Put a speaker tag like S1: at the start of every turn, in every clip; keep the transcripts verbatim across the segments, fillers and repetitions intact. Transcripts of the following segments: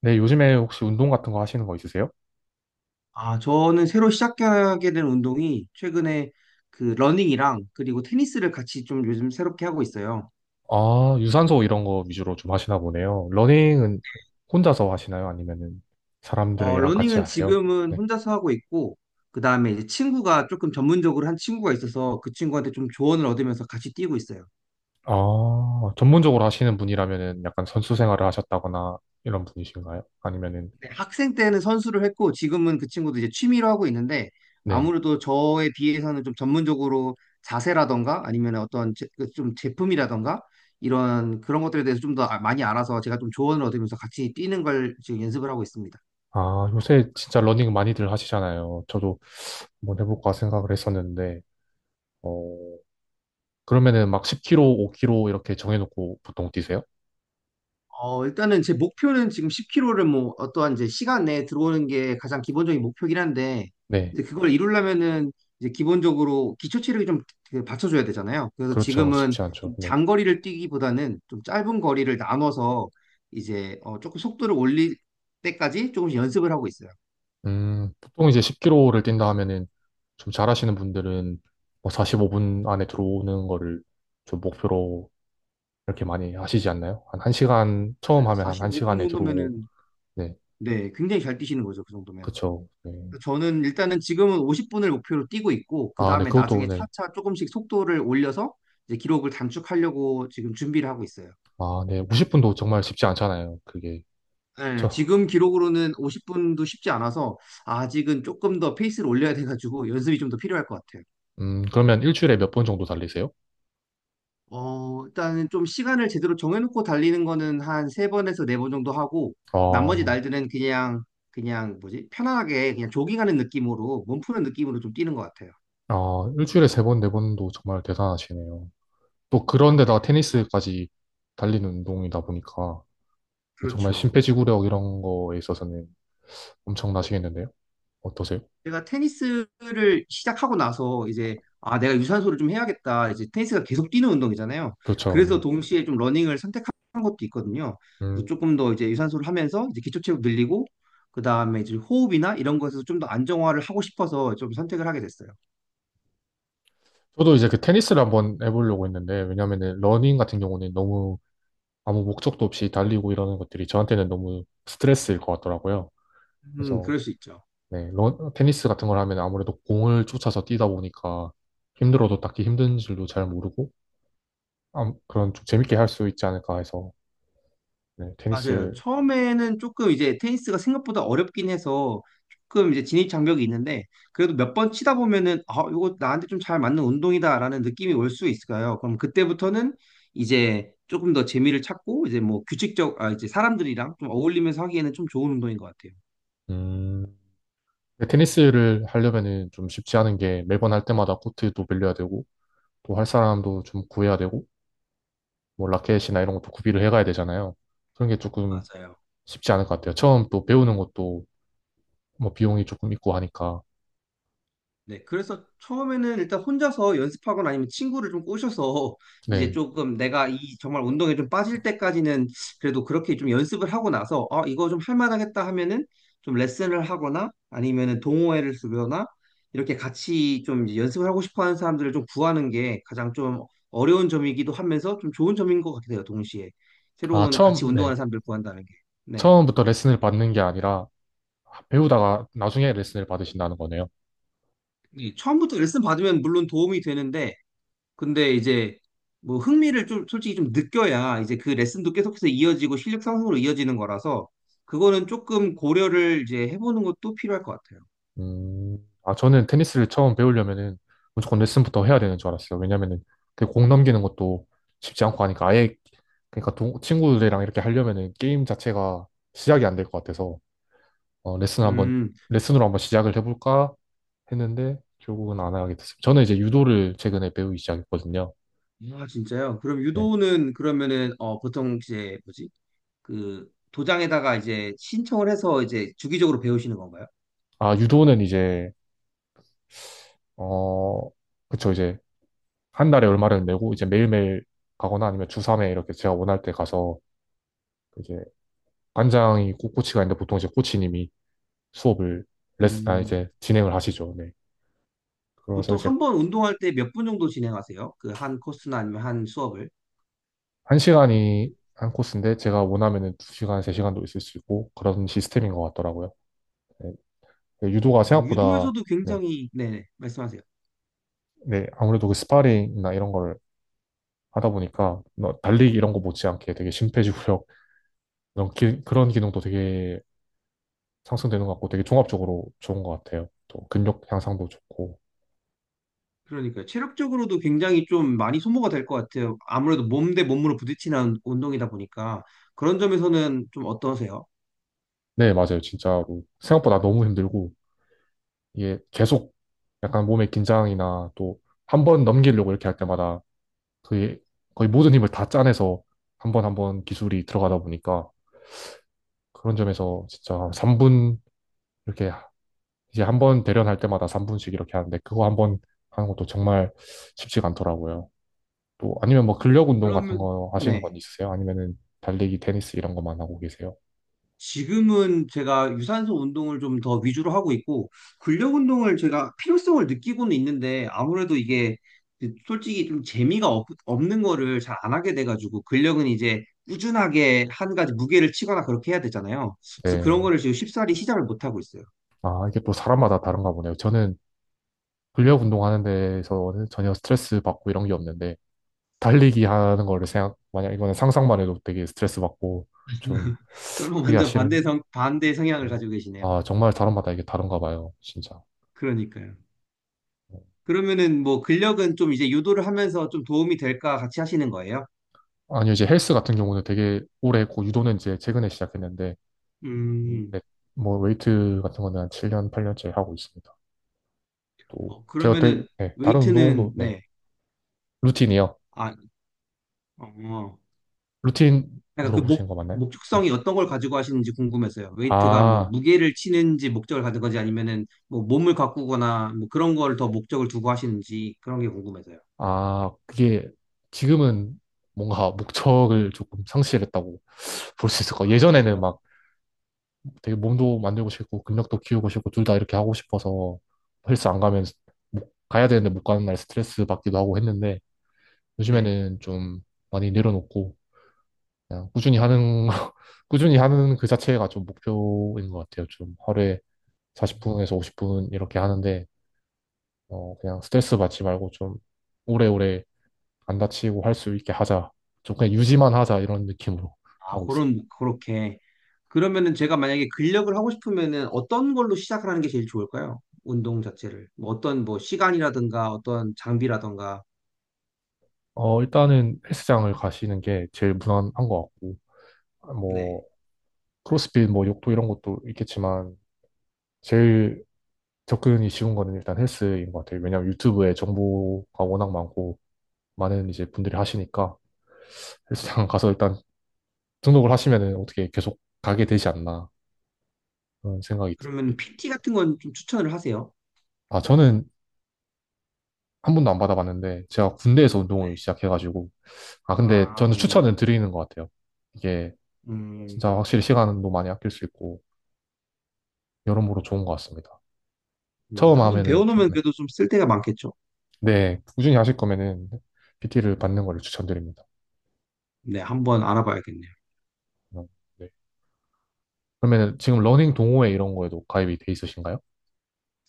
S1: 네, 요즘에 혹시 운동 같은 거 하시는 거 있으세요?
S2: 아, 저는 새로 시작하게 된 운동이 최근에 그 러닝이랑 그리고 테니스를 같이 좀 요즘 새롭게 하고 있어요.
S1: 아, 유산소 이런 거 위주로 좀 하시나 보네요. 러닝은 혼자서 하시나요? 아니면은
S2: 어,
S1: 사람들이랑 같이
S2: 러닝은
S1: 하세요?
S2: 지금은
S1: 네.
S2: 혼자서 하고 있고, 그 다음에 이제 친구가 조금 전문적으로 한 친구가 있어서 그 친구한테 좀 조언을 얻으면서 같이 뛰고 있어요.
S1: 아, 전문적으로 하시는 분이라면은 약간 선수 생활을 하셨다거나 이런 분이신가요? 아니면은,
S2: 네, 학생 때는 선수를 했고 지금은 그 친구도 이제 취미로 하고 있는데
S1: 네.
S2: 아무래도 저에 비해서는 좀 전문적으로 자세라던가 아니면 어떤 제, 그좀 제품이라던가 이런 그런 것들에 대해서 좀더 아, 많이 알아서 제가 좀 조언을 얻으면서 같이 뛰는 걸 지금 연습을 하고 있습니다.
S1: 아, 요새 진짜 러닝 많이들 하시잖아요. 저도 한번 해볼까 생각을 했었는데, 어, 그러면은 막 십 킬로미터, 오 킬로미터 이렇게 정해놓고 보통 뛰세요?
S2: 어, 일단은 제 목표는 지금 십 킬로미터 를뭐 어떠한 이제 시간 내에 들어오는 게 가장 기본적인 목표긴 한데
S1: 네.
S2: 이제 그걸 이루려면은 이제 기본적으로 기초 체력이 좀그 받쳐줘야 되잖아요. 그래서
S1: 그렇죠.
S2: 지금은
S1: 쉽지 않죠.
S2: 좀
S1: 네.
S2: 장거리를 뛰기보다는 좀 짧은 거리를 나눠서 이제 어, 조금 속도를 올릴 때까지 조금씩 연습을 하고 있어요.
S1: 음, 보통 이제 십 킬로미터를 뛴다 하면은 좀 잘하시는 분들은 뭐 사십오 분 안에 들어오는 거를 좀 목표로 이렇게 많이 하시지 않나요? 한 1시간, 처음
S2: 맞아요.
S1: 하면 한
S2: 사십오 분
S1: 1시간에 들어오고,
S2: 정도면은
S1: 네,
S2: 네, 굉장히 잘 뛰시는 거죠. 그 정도면.
S1: 그쵸. 네.
S2: 저는 일단은 지금은 오십 분을 목표로 뛰고 있고, 그
S1: 아, 네,
S2: 다음에
S1: 그것도,
S2: 나중에
S1: 네.
S2: 차차 조금씩 속도를 올려서 이제 기록을 단축하려고 지금 준비를 하고 있어요.
S1: 아, 네, 오십 분도 정말 쉽지 않잖아요. 그게.
S2: 예,
S1: 저,
S2: 지금 기록으로는 오십 분도 쉽지 않아서 아직은 조금 더 페이스를 올려야 돼가지고 연습이 좀 더 필요할 것 같아요.
S1: 음, 그러면 일주일에 몇 번 정도 달리세요?
S2: 어, 일단은 좀 시간을 제대로 정해놓고 달리는 거는 한 세번에서 네 번 정도 하고, 나머지
S1: 아,
S2: 날들은 그냥, 그냥, 뭐지, 편안하게 그냥 조깅하는 느낌으로, 몸 푸는 느낌으로 좀 뛰는 것 같아요.
S1: 아, 일주일에 세 번, 네 번도 정말 대단하시네요. 또 그런데다
S2: 어,
S1: 테니스까지 달리는 운동이다 보니까, 그 정말
S2: 그렇죠.
S1: 심폐지구력 이런 거에 있어서는 엄청나시겠는데요? 어떠세요?
S2: 제가 테니스를 시작하고 나서 이제 아 내가 유산소를 좀 해야겠다 이제 테니스가 계속 뛰는 운동이잖아요.
S1: 그렇죠,
S2: 그래서
S1: 네.
S2: 동시에 좀 러닝을 선택한 것도 있거든요. 그래서
S1: 음,
S2: 조금 더 이제 유산소를 하면서 이제 기초 체력 늘리고 그다음에 이제 호흡이나 이런 것에서 좀 더 안정화를 하고 싶어서 좀 선택을 하게 됐어요.
S1: 저도 이제 그 테니스를 한번 해보려고 했는데, 왜냐면은 러닝 같은 경우는 너무 아무 목적도 없이 달리고 이러는 것들이 저한테는 너무 스트레스일 것 같더라고요.
S2: 음,
S1: 그래서,
S2: 그럴 수 있죠.
S1: 네, 러- 테니스 같은 걸 하면 아무래도 공을 쫓아서 뛰다 보니까 힘들어도 딱히 힘든 줄도 잘 모르고, 암- 그런 좀 재밌게 할 수 있지 않을까 해서, 네,
S2: 맞아요.
S1: 테니스,
S2: 처음에는 조금 이제 테니스가 생각보다 어렵긴 해서 조금 이제 진입 장벽이 있는데 그래도 몇 번 치다 보면은 아, 이거 나한테 좀 잘 맞는 운동이다라는 느낌이 올 수 있을까요? 그럼 그때부터는 이제 조금 더 재미를 찾고 이제 뭐 규칙적, 아, 이제 사람들이랑 좀 어울리면서 하기에는 좀 좋은 운동인 것 같아요.
S1: 음, 근데 테니스를 하려면은 좀 쉽지 않은 게 매번 할 때마다 코트도 빌려야 되고, 또 할 사람도 좀 구해야 되고, 뭐 라켓이나 이런 것도 구비를 해가야 되잖아요. 그런 게 조금
S2: 맞아요.
S1: 쉽지 않을 것 같아요. 처음 또 배우는 것도 뭐 비용이 조금 있고 하니까.
S2: 네, 그래서 처음에는 일단 혼자서 연습하거나 아니면 친구를 좀 꼬셔서 이제
S1: 네.
S2: 조금 내가 이 정말 운동에 좀 빠질 때까지는 그래도 그렇게 좀 연습을 하고 나서 아, 이거 좀 할만하겠다 하면은 좀 레슨을 하거나 아니면은 동호회를 주거나 이렇게 같이 좀 이제 연습을 하고 싶어 하는 사람들을 좀 구하는 게 가장 좀 어려운 점이기도 하면서 좀 좋은 점인 것 같아요, 동시에.
S1: 아,
S2: 새로운
S1: 처음,
S2: 같이
S1: 네.
S2: 운동하는 사람들 구한다는 게. 네.
S1: 처음부터 레슨을 받는 게 아니라 배우다가 나중에 레슨을 받으신다는 거네요.
S2: 이 처음부터 레슨 받으면 물론 도움이 되는데 근데 이제 뭐 흥미를 좀 솔직히 좀 느껴야 이제 그 레슨도 계속해서 이어지고 실력 상승으로 이어지는 거라서 그거는 조금 고려를 이제 해보는 것도 필요할 것 같아요.
S1: 음. 아, 저는 테니스를 처음 배우려면은 무조건 레슨부터 해야 되는 줄 알았어요. 왜냐면은 그 공 넘기는 것도 쉽지 않고 하니까 아예 그러니까 동- 친구들이랑 이렇게 하려면은 게임 자체가 시작이 안 될 것 같아서 어, 레슨 한번,
S2: 음,
S1: 레슨으로 한번 시작을 해볼까 했는데, 결국은 안 하게 됐어요. 저는 이제 유도를 최근에 배우기 시작했거든요.
S2: 아 진짜요? 그럼
S1: 네.
S2: 유도는 그러면은 어 보통 이제 뭐지? 그 도장에다가 이제 신청을 해서 이제 주기적으로 배우시는 건가요?
S1: 아, 유도는 이제, 어, 그쵸, 이제, 한 달에 얼마를 내고, 이제 매일매일 가거나 아니면 주삼에 이렇게 제가 원할 때 가서, 이제, 관장이 꼭 코치가 있는데, 보통 이제 코치님이 수업을, 레슨, 아,
S2: 음,
S1: 이제, 진행을 하시죠. 네. 그래서
S2: 보통
S1: 이제,
S2: 한 번 운동할 때 몇 분 정도 진행하세요? 그 한 코스나 아니면 한 수업을?
S1: 한 시간이 한 코스인데, 제가 원하면은 두 시간, 세 시간도 있을 수 있고, 그런 시스템인 것 같더라고요. 네. 네, 유도가
S2: 음,
S1: 생각보다,
S2: 유도에서도
S1: 네.
S2: 굉장히 네, 말씀하세요.
S1: 네, 아무래도 그 스파링이나 이런 걸 하다 보니까 뭐 달리기 이런 거 못지않게 되게 심폐지구력 이런 기- 그런 기능도 되게 상승되는 것 같고 되게 종합적으로 좋은 것 같아요. 또 근력 향상도 좋고.
S2: 그러니까 체력적으로도 굉장히 좀 많이 소모가 될 것 같아요. 아무래도 몸대 몸으로 부딪히는 운동이다 보니까 그런 점에서는 좀 어떠세요?
S1: 네, 맞아요. 진짜로 생각보다 너무 힘들고 이게 계속 약간 몸의 긴장이나 또 한 번 넘기려고 이렇게 할 때마다 그 거의 모든 힘을 다 짜내서 한 번 한 번 기술이 들어가다 보니까 그런 점에서 진짜 삼 분 이렇게 이제 한 번 대련할 때마다 삼 분씩 이렇게 하는데 그거 한 번 하는 것도 정말 쉽지가 않더라고요. 또 아니면 뭐 근력 운동 같은
S2: 그러면
S1: 거 하시는
S2: 네.
S1: 건 있으세요? 아니면은 달리기, 테니스 이런 것만 하고 계세요?
S2: 지금은 제가 유산소 운동을 좀 더 위주로 하고 있고 근력 운동을 제가 필요성을 느끼고는 있는데 아무래도 이게 솔직히 좀 재미가 없, 없는 거를 잘 안 하게 돼가지고 근력은 이제 꾸준하게 한 가지 무게를 치거나 그렇게 해야 되잖아요. 그래서 그런
S1: 네.
S2: 거를 지금 쉽사리 시작을 못 하고 있어요.
S1: 아, 이게 또 사람마다 다른가 보네요. 저는 근력 운동하는 데에서는 전혀 스트레스 받고 이런 게 없는데 달리기 하는 거를 생각, 만약 이거는 상상만 해도 되게 스트레스 받고 좀
S2: 저랑
S1: 하기가
S2: 완전
S1: 싫은
S2: 반대 성, 반대 성향을
S1: 네.
S2: 가지고 계시네요.
S1: 아, 정말 사람마다 이게 다른가 봐요, 진짜.
S2: 그러니까요.
S1: 네.
S2: 그러면은 뭐 근력은 좀 이제 유도를 하면서 좀 도움이 될까 같이 하시는 거예요?
S1: 아니요, 이제 헬스 같은 경우는 되게 오래 했고, 유도는 이제 최근에 시작했는데, 음,
S2: 음,
S1: 네, 뭐 웨이트 같은 거는 한 칠 년, 팔 년째 하고 있습니다. 또
S2: 어,
S1: 제가 되게
S2: 그러면은
S1: 네, 다른
S2: 웨이트는,
S1: 운동도 네,
S2: 네.
S1: 루틴이요.
S2: 아, 어,
S1: 루틴
S2: 약간 그
S1: 물어보신
S2: 목,
S1: 거 맞나요? 네.
S2: 목적성이 어떤 걸 가지고 하시는지 궁금해서요. 웨이트가 뭐
S1: 아,
S2: 무게를 치는지 목적을 가진 건지 아니면은 뭐 몸을 가꾸거나 뭐 그런 걸 더 목적을 두고 하시는지 그런 게 궁금해서요.
S1: 아, 그게 지금은 뭔가 목적을 조금 상실했다고 볼 수 있을 것 같아요.
S2: 아,
S1: 예전에는
S2: 그래요?
S1: 막 되게 몸도 만들고 싶고 근력도 키우고 싶고 둘 다 이렇게 하고 싶어서 헬스 안 가면 못- 가야 되는데 못 가는 날 스트레스 받기도 하고 했는데
S2: 네.
S1: 요즘에는 좀 많이 내려놓고 그냥 꾸준히 하는 꾸준히 하는 그 자체가 좀 목표인 것 같아요. 좀 하루에 사십 분에서 오십 분 이렇게 하는데, 어, 그냥 스트레스 받지 말고 좀 오래오래 안 다치고 할 수 있게 하자. 좀 그냥 유지만 하자 이런 느낌으로
S2: 아,
S1: 하고 있어요.
S2: 그런, 그렇게. 그러면은 제가 만약에 근력을 하고 싶으면은 어떤 걸로 시작을 하는 게 제일 좋을까요? 운동 자체를. 뭐 어떤 뭐 시간이라든가 어떤 장비라든가.
S1: 어, 일단은 헬스장을 가시는 게 제일 무난한 것 같고,
S2: 네,
S1: 뭐, 크로스핏, 뭐, 욕도 이런 것도 있겠지만, 제일 접근이 쉬운 거는 일단 헬스인 것 같아요. 왜냐면 유튜브에 정보가 워낙 많고, 많은 이제 분들이 하시니까, 헬스장
S2: 네,
S1: 가서 일단 등록을 하시면은 어떻게 계속 가게 되지 않나 그런 생각이 드-
S2: 그러면 피티 같은 건 좀 추천을 하세요.
S1: 아, 저는 한 번도 안 받아봤는데 제가 군대에서 운동을
S2: 네.
S1: 시작해가지고. 아, 근데
S2: 아,
S1: 저는
S2: 네네.
S1: 추천은 드리는 것 같아요. 이게
S2: 음,
S1: 진짜 확실히 시간도 많이 아낄 수 있고 여러모로 좋은 것 같습니다.
S2: 음,
S1: 처음
S2: 한번
S1: 하면은 좀
S2: 배워놓으면
S1: 네,
S2: 그래도 좀 쓸 데가 많겠죠.
S1: 네, 꾸준히 하실 거면은 피티를 받는 거를 추천드립니다.
S2: 네, 한번 알아봐야겠네요.
S1: 음, 네. 그러면은 지금 러닝 동호회 이런 거에도 가입이 돼 있으신가요?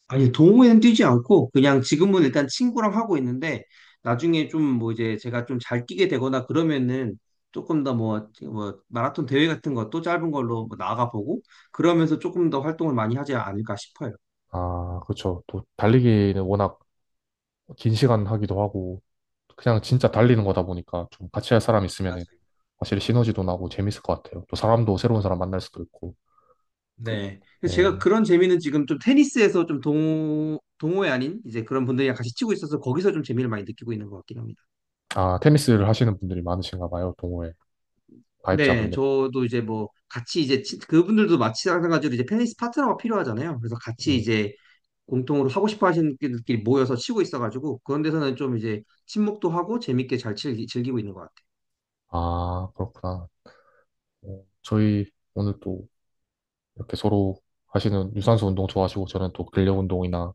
S2: 아니, 동호회는 뛰지 않고 그냥 지금은 일단 친구랑 하고 있는데 나중에 좀 뭐 이제 제가 좀 잘 뛰게 되거나 그러면은 조금 더 뭐, 뭐 마라톤 대회 같은 것도 짧은 걸로 뭐 나가보고 그러면서 조금 더 활동을 많이 하지 않을까 싶어요.
S1: 아, 그렇죠. 또 달리기는 워낙 긴 시간 하기도 하고 그냥 진짜 달리는 거다 보니까 좀 같이 할 사람 있으면은
S2: 맞아요.
S1: 확실히 시너지도 나고 재밌을 것 같아요. 또 사람도 새로운 사람 만날 수도 있고. 그-
S2: 네. 그래서
S1: 네.
S2: 제가 그런 재미는 지금 좀 테니스에서 좀 동, 동호회 아닌 이제 그런 분들이랑 같이 치고 있어서 거기서 좀 재미를 많이 느끼고 있는 것 같긴 합니다.
S1: 아, 테니스를 하시는 분들이 많으신가 봐요, 동호회
S2: 네,
S1: 가입자분들.
S2: 저도 이제 뭐 같이 이제 치- 그분들도 마찬가지로 이제 테니스 파트너가 필요하잖아요. 그래서 같이
S1: 음.
S2: 이제 공통으로 하고 싶어 하시는 분들끼리 모여서 치고 있어가지고 그런 데서는 좀 이제 친목도 하고 재밌게 잘 즐기, 즐기고 있는 것 같아요.
S1: 아, 그렇구나. 어, 저희 오늘 또 이렇게 서로 하시는 유산소 운동 좋아하시고 저는 또 근력 운동이나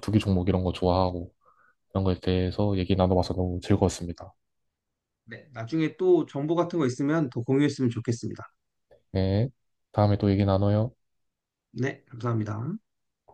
S1: 투기 종목 이런 거 좋아하고 이런 거에 대해서 얘기 나눠봐서 너무 즐거웠습니다.
S2: 네, 나중에 또 정보 같은 거 있으면 더 공유했으면 좋겠습니다.
S1: 네. 다음에 또 얘기 나눠요.
S2: 네, 감사합니다.